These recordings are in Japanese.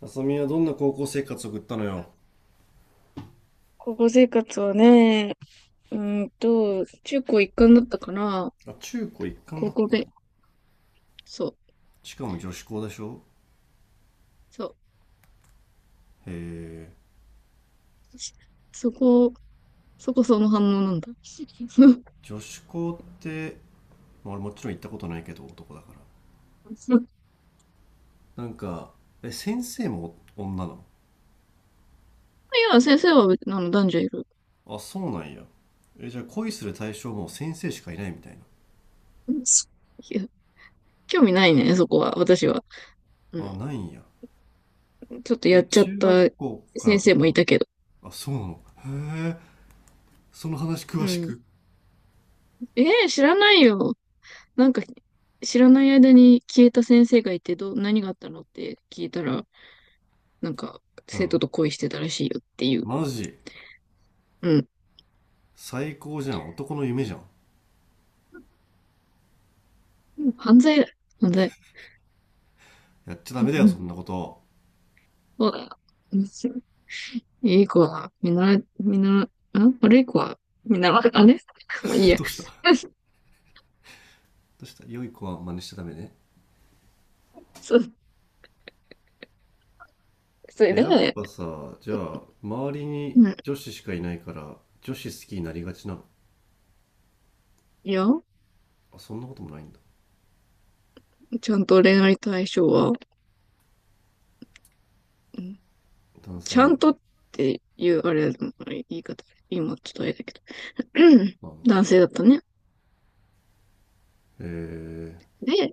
あさみはどんな高校生活を送ったのよ。高校生活はね、中高一貫だったから、あ、中高一貫だ高っ校た。で、そう、しかも女子校でしょ？そう、へえ。そこ、そこその反応なんだ。女子校って、まあ、俺もちろん行ったことないけど男だから。なんか、え、先生も女なの？いや、先生は、男女いる。あ、そうなんや。え、じゃあ恋する対象も先生しかいないみたいな。いや、興味ないね、そこは、私は。うあ、ん。ないんや。ちょっとやえ、っちゃっ中た学校から先と生もいか。たけど。あ、そうなの。へえ、その話う詳しん。く。知らないよ。なんか、知らない間に消えた先生がいて、どう、何があったのって聞いたら、なんか、う生徒ん。と恋してたらしいよっていう。マジ。うん。最高じゃん。男の夢じゃん。うん、犯罪だ、犯罪。やっちゃダうメだんよ、うそん、んなこと。そうだよ。うん、いい子は、見習い、見習い、ん、悪い子は、見習い、あれ、もういい や。どうした？ としたら良い子は真似しちゃダメね。そう、それえ、やっで、ぱさ、じゃあ周りにうん。女子しかいないから女子好きになりがちなの？いや、あ、そんなこともないんだ。ちゃんと恋愛対象は、うん、男性ちゃなんんだ？とっていう、あれ、言い方、今ちょっとあれだけど、うん、まあま男あ。性だったね。へえ。で、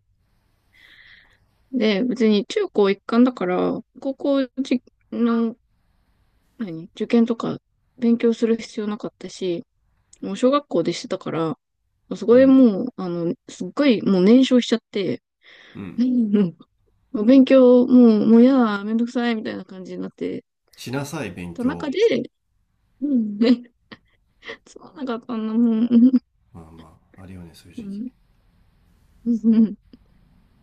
で、別に中高一貫だから、高校じの、何、受験とか勉強する必要なかったし、もう小学校でしてたから、そこうでんもう、すっごいもう燃焼しちゃって、うん。うん、もう勉強、もう、もうやだ、めんどくさい、みたいな感じになって、しなさい勉た中強。で、うんね、つまんなかったんだもん。うまあまあ、あるよね、そういう時期。んうん、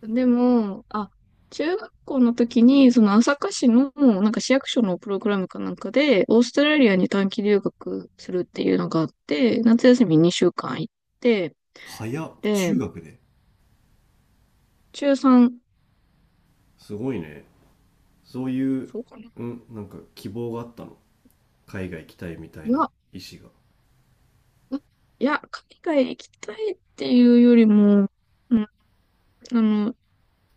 でも、あ、中学校の時に、その朝霞市の、なんか市役所のプログラムかなんかで、オーストラリアに短期留学するっていうのがあって、夏休み2週間行って、早っ、で、中学で。中3、すごいね。そういう。そうかな。うん、なんか希望があったの？海外行きたいみたいいなや、意思が。あ、いや、海外行きたいっていうよりも、うん、あの、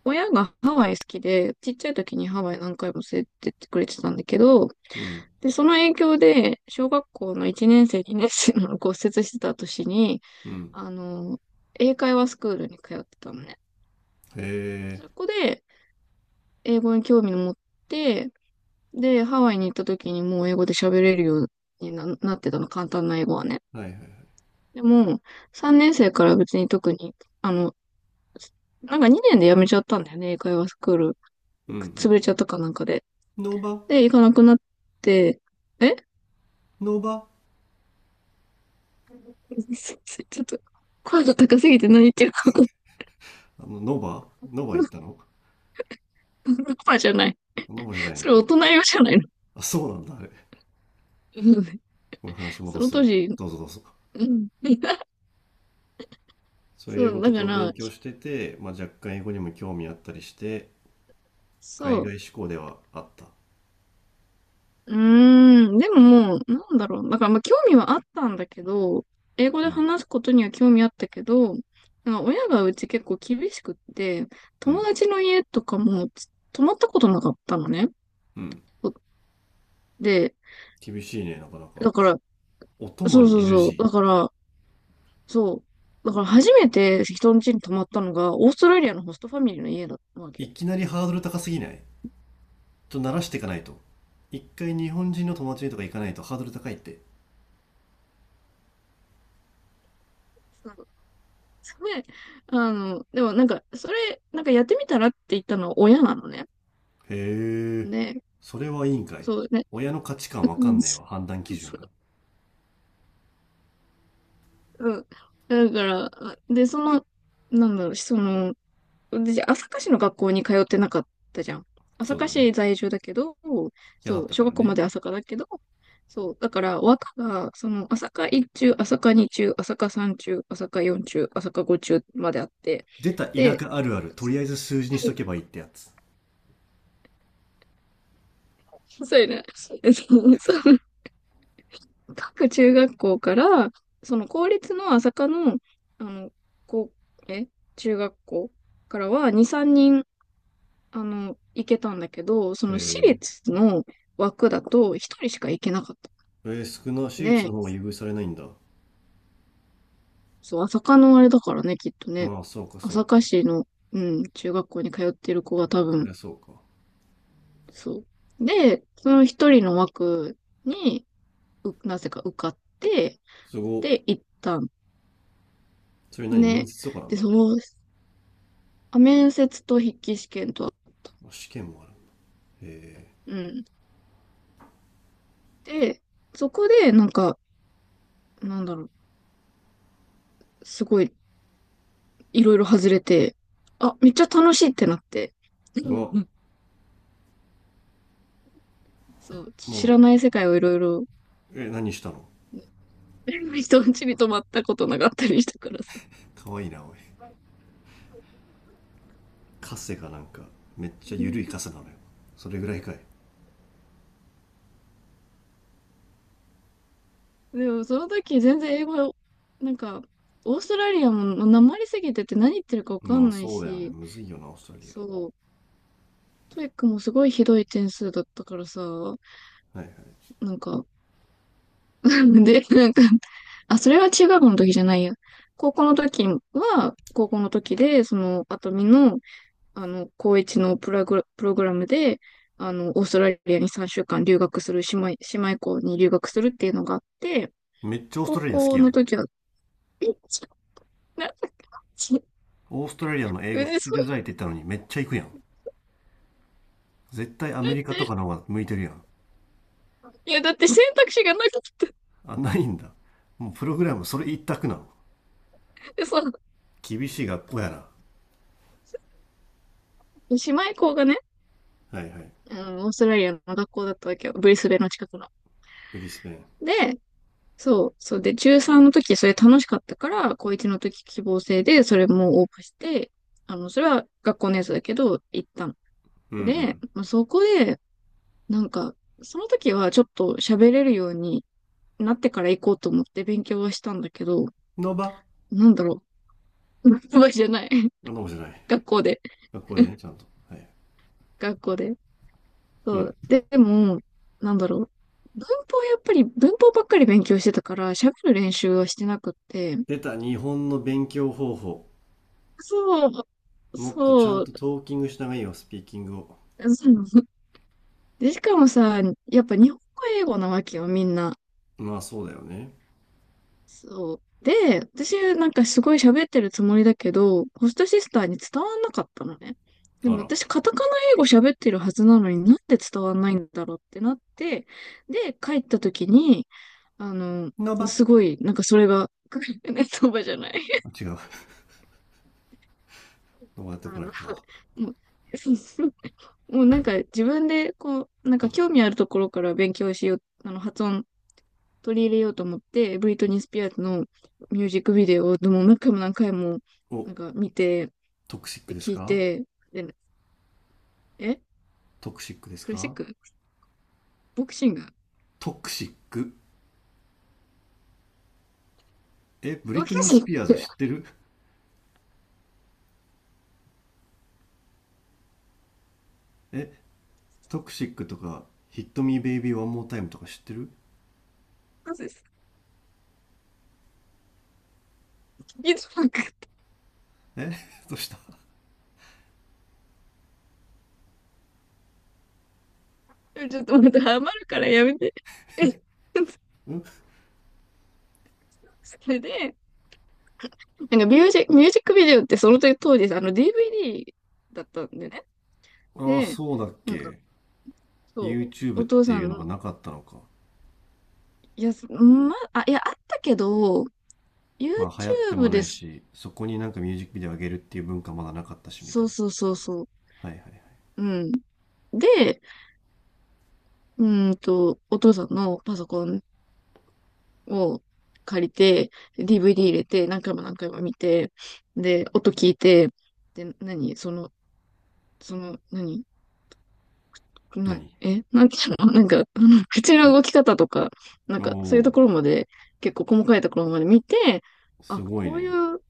親がハワイ好きで、ちっちゃい時にハワイ何回も連れてってくれてたんだけど、うんで、その影響で、小学校の1年生、2年生の骨折してた年に、うん。あの、英会話スクールに通ってたのね。へえ。そこで、英語に興味を持って、で、ハワイに行った時にもう英語で喋れるようにな、なってたの、簡単な英語はね。はいはいはい。でも、3年生から別に特に、あの、なんか2年で辞めちゃったんだよね、英会話スクール。うんう潰ん。れちゃったかなんかで。ノーバ。で、行かなくなって、え、 ノーバ。 ちょっと、声が高すぎて何言ってるか分かんない。あの、ノバ、ノバ行ったの？ パパじゃない。ノバじゃないのそれか。大人用じゃないの。あ、そうなんだ、あれ。これ話そ戻のすわ。当時、どうぞどうぞ。うん。そういそう英語う、だとかかをら、勉強してて、まあ、若干英語にも興味あったりして、海そ外志向ではあった。う。うーん、でももう、なんだろう。だからまあ興味はあったんだけど、英語うでん、話すことには興味あったけど、なんか親がうち結構厳しくって、う友ん、達の家とかも泊まったことなかったのね。うん。で、厳しいね、なかなか。だから、お泊まそうり そうそう、だ NG。から、そう、だから初めて人の家に泊まったのが、オーストラリアのホストファミリーの家だったわけよ。いきなりハードル高すぎない？ちょっと慣らしていかないと。一回日本人の友達にとか行かないとハードル高いって。なんかで、でもなんか、それ、なんかやってみたらって言ったのは親なのね。へえ、ね、それはいいんかい。そうね。親の価値観わうかん。んねえわ、判断基そ準が。う、うん、だから、で、その、なんだろう、その、私、朝霞市の学校に通ってなかったじゃん。朝そうだ霞ね。市在住だけど、嫌だそっう、たか小ら学校まね。で朝霞だけど、そう、だから、和歌が、その、朝霞1中、朝霞2中、朝霞3中、朝霞4中、朝霞5中まであって、出た田で、舎あるある、とりあえず数字にしとけばいいってやつ。そうやな、そう、各中学校から、その公立の朝霞の、あの、こう、え、中学校からは2、3、行けたんだけど、その私ええ立の枠だと一人しか行けなかったえー、少な、私立んので、方が優遇されないんだ。そう、朝霞のあれだからね、きっとね。まあ、そうか、そう朝か。霞市の、うん、中学校に通ってる子が多そり分、ゃそうか。そう。で、その一人の枠に、う、なぜか受かって、すご。で、行ったんそれ何？面ね。接とかなで、の？その、あ、面接と筆記試験とは、まあ試験もある。ええー。うん。で、そこで、なんか、なんだろう、すごいいろいろ外れて、あ、めっちゃ楽しいってなって。うわ、そう、知らもない世界をいろいろ、う、え、何したの？ 人ん家に泊まったことなかったりしたからさ。かわいいな、おい。カセがなんか、めっちゃ緩いカセなのよ。それぐらいかい。でもその時全然英語、なんか、オーストラリアもなまりすぎてて何言ってるかわかまんあ、ないそうだよね。し、むずいよな、オーストラリア。そう、トイックもすごいひどい点数だったからさ、はいはい。なんか、で、なんか、あ、それは中学の時じゃないや。高校の時は、高校の時で、その、あとみの、高一のプログラ、プログラムで、オーストラリアに3週間留学する、姉妹、姉妹校に留学するっていうのがあって、めっちゃオース高トラリア好き校やのん。時は、えち、な、ち、オーストラリアの英う、語ね、聞きそ出う、たいって言ったのにめっちゃ行くやん。絶対アだメリっカとて、かの方が向いてるやん。いや、だって選択肢がなかった。あ、ないんだ。もうプログラムそれ一択なの？で、そう、厳しい学校やな。姉妹校がね、はいはい。オーストラリアの学校だったわけよ。ブリスベンの近くの。ブリスベン。で、そう、そうで、中3の時それ楽しかったから、高1の時希望制で、それも応募して、それは学校のやつだけど、行ったの。うんうで、ん。まあ、そこで、なんか、その時はちょっと喋れるようになってから行こうと思って勉強はしたんだけど、ノバ。なんだろう。うまいじゃない。あ、ノバじゃない？学校で。学校でね、ちゃんと、はい。学校で。うそん。う。で、でも、なんだろう。文法やっぱり、文法ばっかり勉強してたから、喋る練習はしてなくって、出た日本の勉強方法。そうもっとちゃんそとう、トーキングした方がいいよ、スピーキングを。そうで、しかもさ、やっぱ日本語英語なわけよ、みんな。まあ、そうだよね。そう。で、私なんかすごい喋ってるつもりだけど、ホストシスターに伝わんなかったのね。であもら。私カタカナ英語喋ってるはずなのになんで伝わんないんだろうってなって、で、帰った時に、あの、ノバ。すごい、なんかそれが、ネットばじゃない。あ、違う。ノバ出てこあないの、か。もう、もうなんか自分でこう、なんか興味あるところから勉強しよう、あの発音取り入れようと思って、ブリトニー・スピアーズのミュージックビデオをでも何回も何回もなお、んか見て、トクシックでです聞いか？て、で、え、トクシックですクラシッか？ク、ボクシング、トクシック。え、ブボリクトニー・シスンピアーズグ、知ってる？え、トクシックとかヒットミーベイビーワンモータイムとか知ってる？そうです。聞きづらくてえ？ どうしたなかった、ちょっとまたハマるからやめて。え、ん？それで、なんかミュージック、ミュージックビデオってその当時、あの DVD だったんでね。ああ、で、そうだっなんか、け。そう、YouTube っお父てさいうんのがの、なかったのか。いや、ま、あ、いや、あったけど、まあ流行っても YouTube なでいす。し、そこになんかミュージックビデオ上げるっていう文化まだなかったしみたそいうな。そうそうそう。はいはいはい。うん。で、お父さんのパソコンを借りて、DVD 入れて、何回も何回も見て、で、音聞いて、で、何その、その、何な、何？え、なんていうのなんか、あの口のえ、動き方とか、なんおか、そういうとおころまで、結構細かいところまで見て、ー、すあ、ごいこういね。う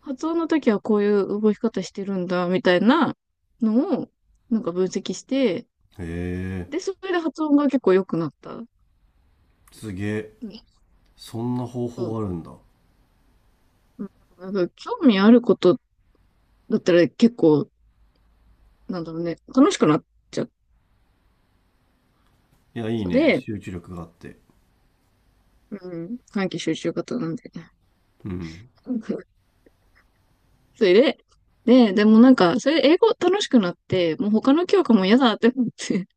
発音の時はこういう動き方してるんだ、みたいなのを、なんか分析して、へえ、で、それで発音が結構良くなった。うんすげえ。そんな方法あるんだ。うん。興味あることだったら結構、なんだろうね、楽しくなっちゃっいや、いいたね。で、集中力があって。うん、短期集中型なんでね。うん。うん。それで、でもなんか、それで英語楽しくなって、もう他の教科も嫌だって思って、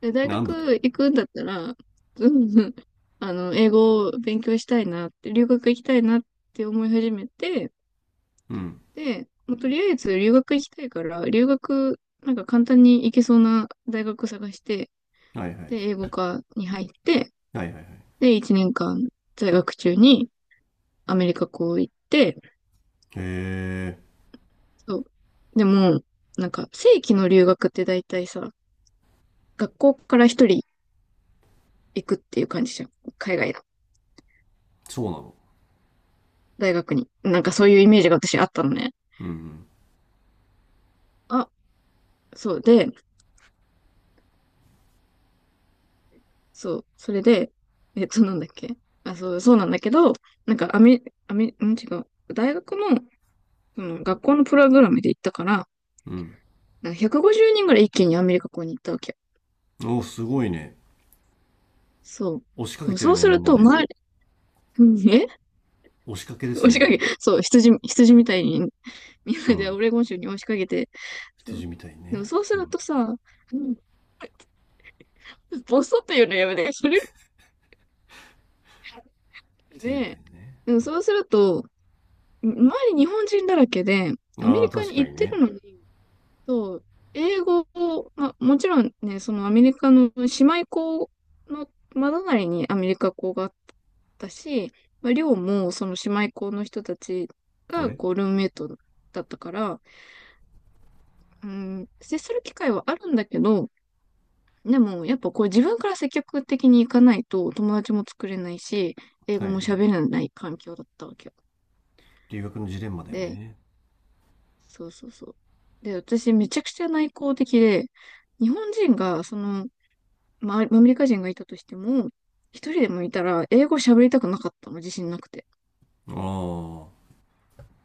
で、大なんだと。学行くんだったら、うんうん、英語を勉強したいなって、留学行きたいなって思い始めて、うん。で、もうとりあえず留学行きたいから、留学、なんか簡単に行けそうな大学探して、はいはい。で、英語科に入って、はいはいはい。で、1年間在学中にアメリカ校行って、へえ、そう。でも、なんか、正規の留学って大体さ、学校から一人行くっていう感じじゃん。海外のそうなの。大学に。なんかそういうイメージが私あったのね。うんあ、そうで、そう、それで、なんだっけ。あ、そう、そうなんだけど、なんかアメ、アメ、ん、違う。大学の、その、学校のプログラムで行ったから、うん。なんか150人ぐらい一気にアメリカ校に行ったわけよ。うん。おお、すごいね。そう。押しかでけもてそるうね、すみんるなと、で。周り、うん。押しかけです押ね、しかもけ、う。そう、羊みたいに、みんうなでん。オレゴン州に押しかけて、そ羊う。みたいでもね。そうすうるん。とさ、うん、ボソっていうのやめて、それ、羊みたいね。ね。でもそうすると、周り日本人だらけで、アメああ、リカ確にか行っにてるね。のに、そう、英語を、まあ、もちろんね、そのアメリカの姉妹校のまだな隣にアメリカ校があったし、まあ、寮もその姉妹校の人たちが俺。こうルームメイトだったから、うん、接する機会はあるんだけど、でもやっぱこう自分から積極的に行かないと友達も作れないし、英語はいもは喋い。れない環境だったわけよ。留学のジレンマだよで、ね。そうそうそう。で、私めちゃくちゃ内向的で、日本人がその、まあ、アメリカ人がいたとしても、一人でもいたら、英語喋りたくなかったの、自信なくて。ああ、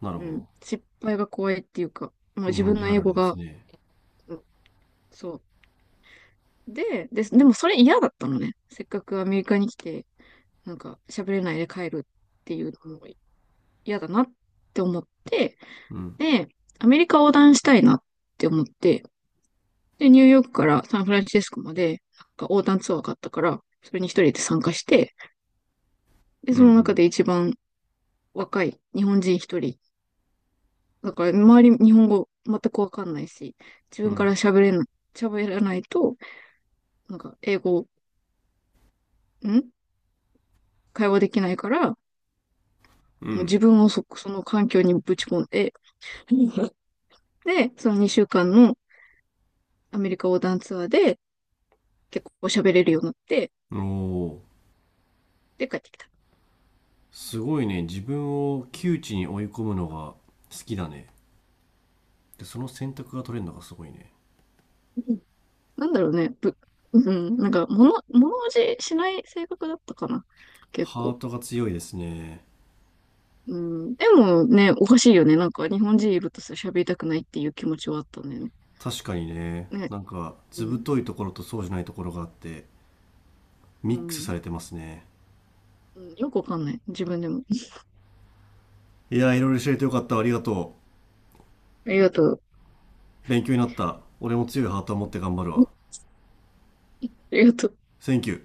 なるうほん。ど。失敗が怖いっていうか、まあ日自本分の人あ英るある語ですが、ね。うん、そう。でもそれ嫌だったのね。せっかくアメリカに来て、なんか喋れないで帰るっていうのも嫌だなって思って、うん。で、アメリカ横断したいなって思って、で、ニューヨークからサンフランシスコまで、なんか横断ツアーがあったから、それに一人で参加して、で、うその中んで一番若い日本人一人だから、周り日本語全くわかんないし、自う分かん。ら喋れない、喋らないと、なんか、英語、ん、会話できないから、もううん。自分をそ、その環境にぶち込んで、で、その2週間のアメリカ横断ツアーで結構喋れるようになって、うん。おお、で、帰ってきた。すごいね。自分を窮地に追い込むのが好きだね。で、その選択が取れるのがすごいね。うん、なんだろうね、ぶ、うん、なんか、物おじしない性格だったかな、結ハ構。ートが強いですね。うん、でもね、おかしいよね。なんか、日本人いるとさ、喋りたくないっていう気持ちはあったんだよね。確かにね。ね。なんか、うずぶんといところとそうじゃないところがあって、うミックスさん。れてますね。うん、よくわかんない。自分でも。いやー、いろいろ教えてよかった。ありがとう。ありがとう。勉強になった。俺も強いハートを持って頑張るあわ。りがとう。センキュー。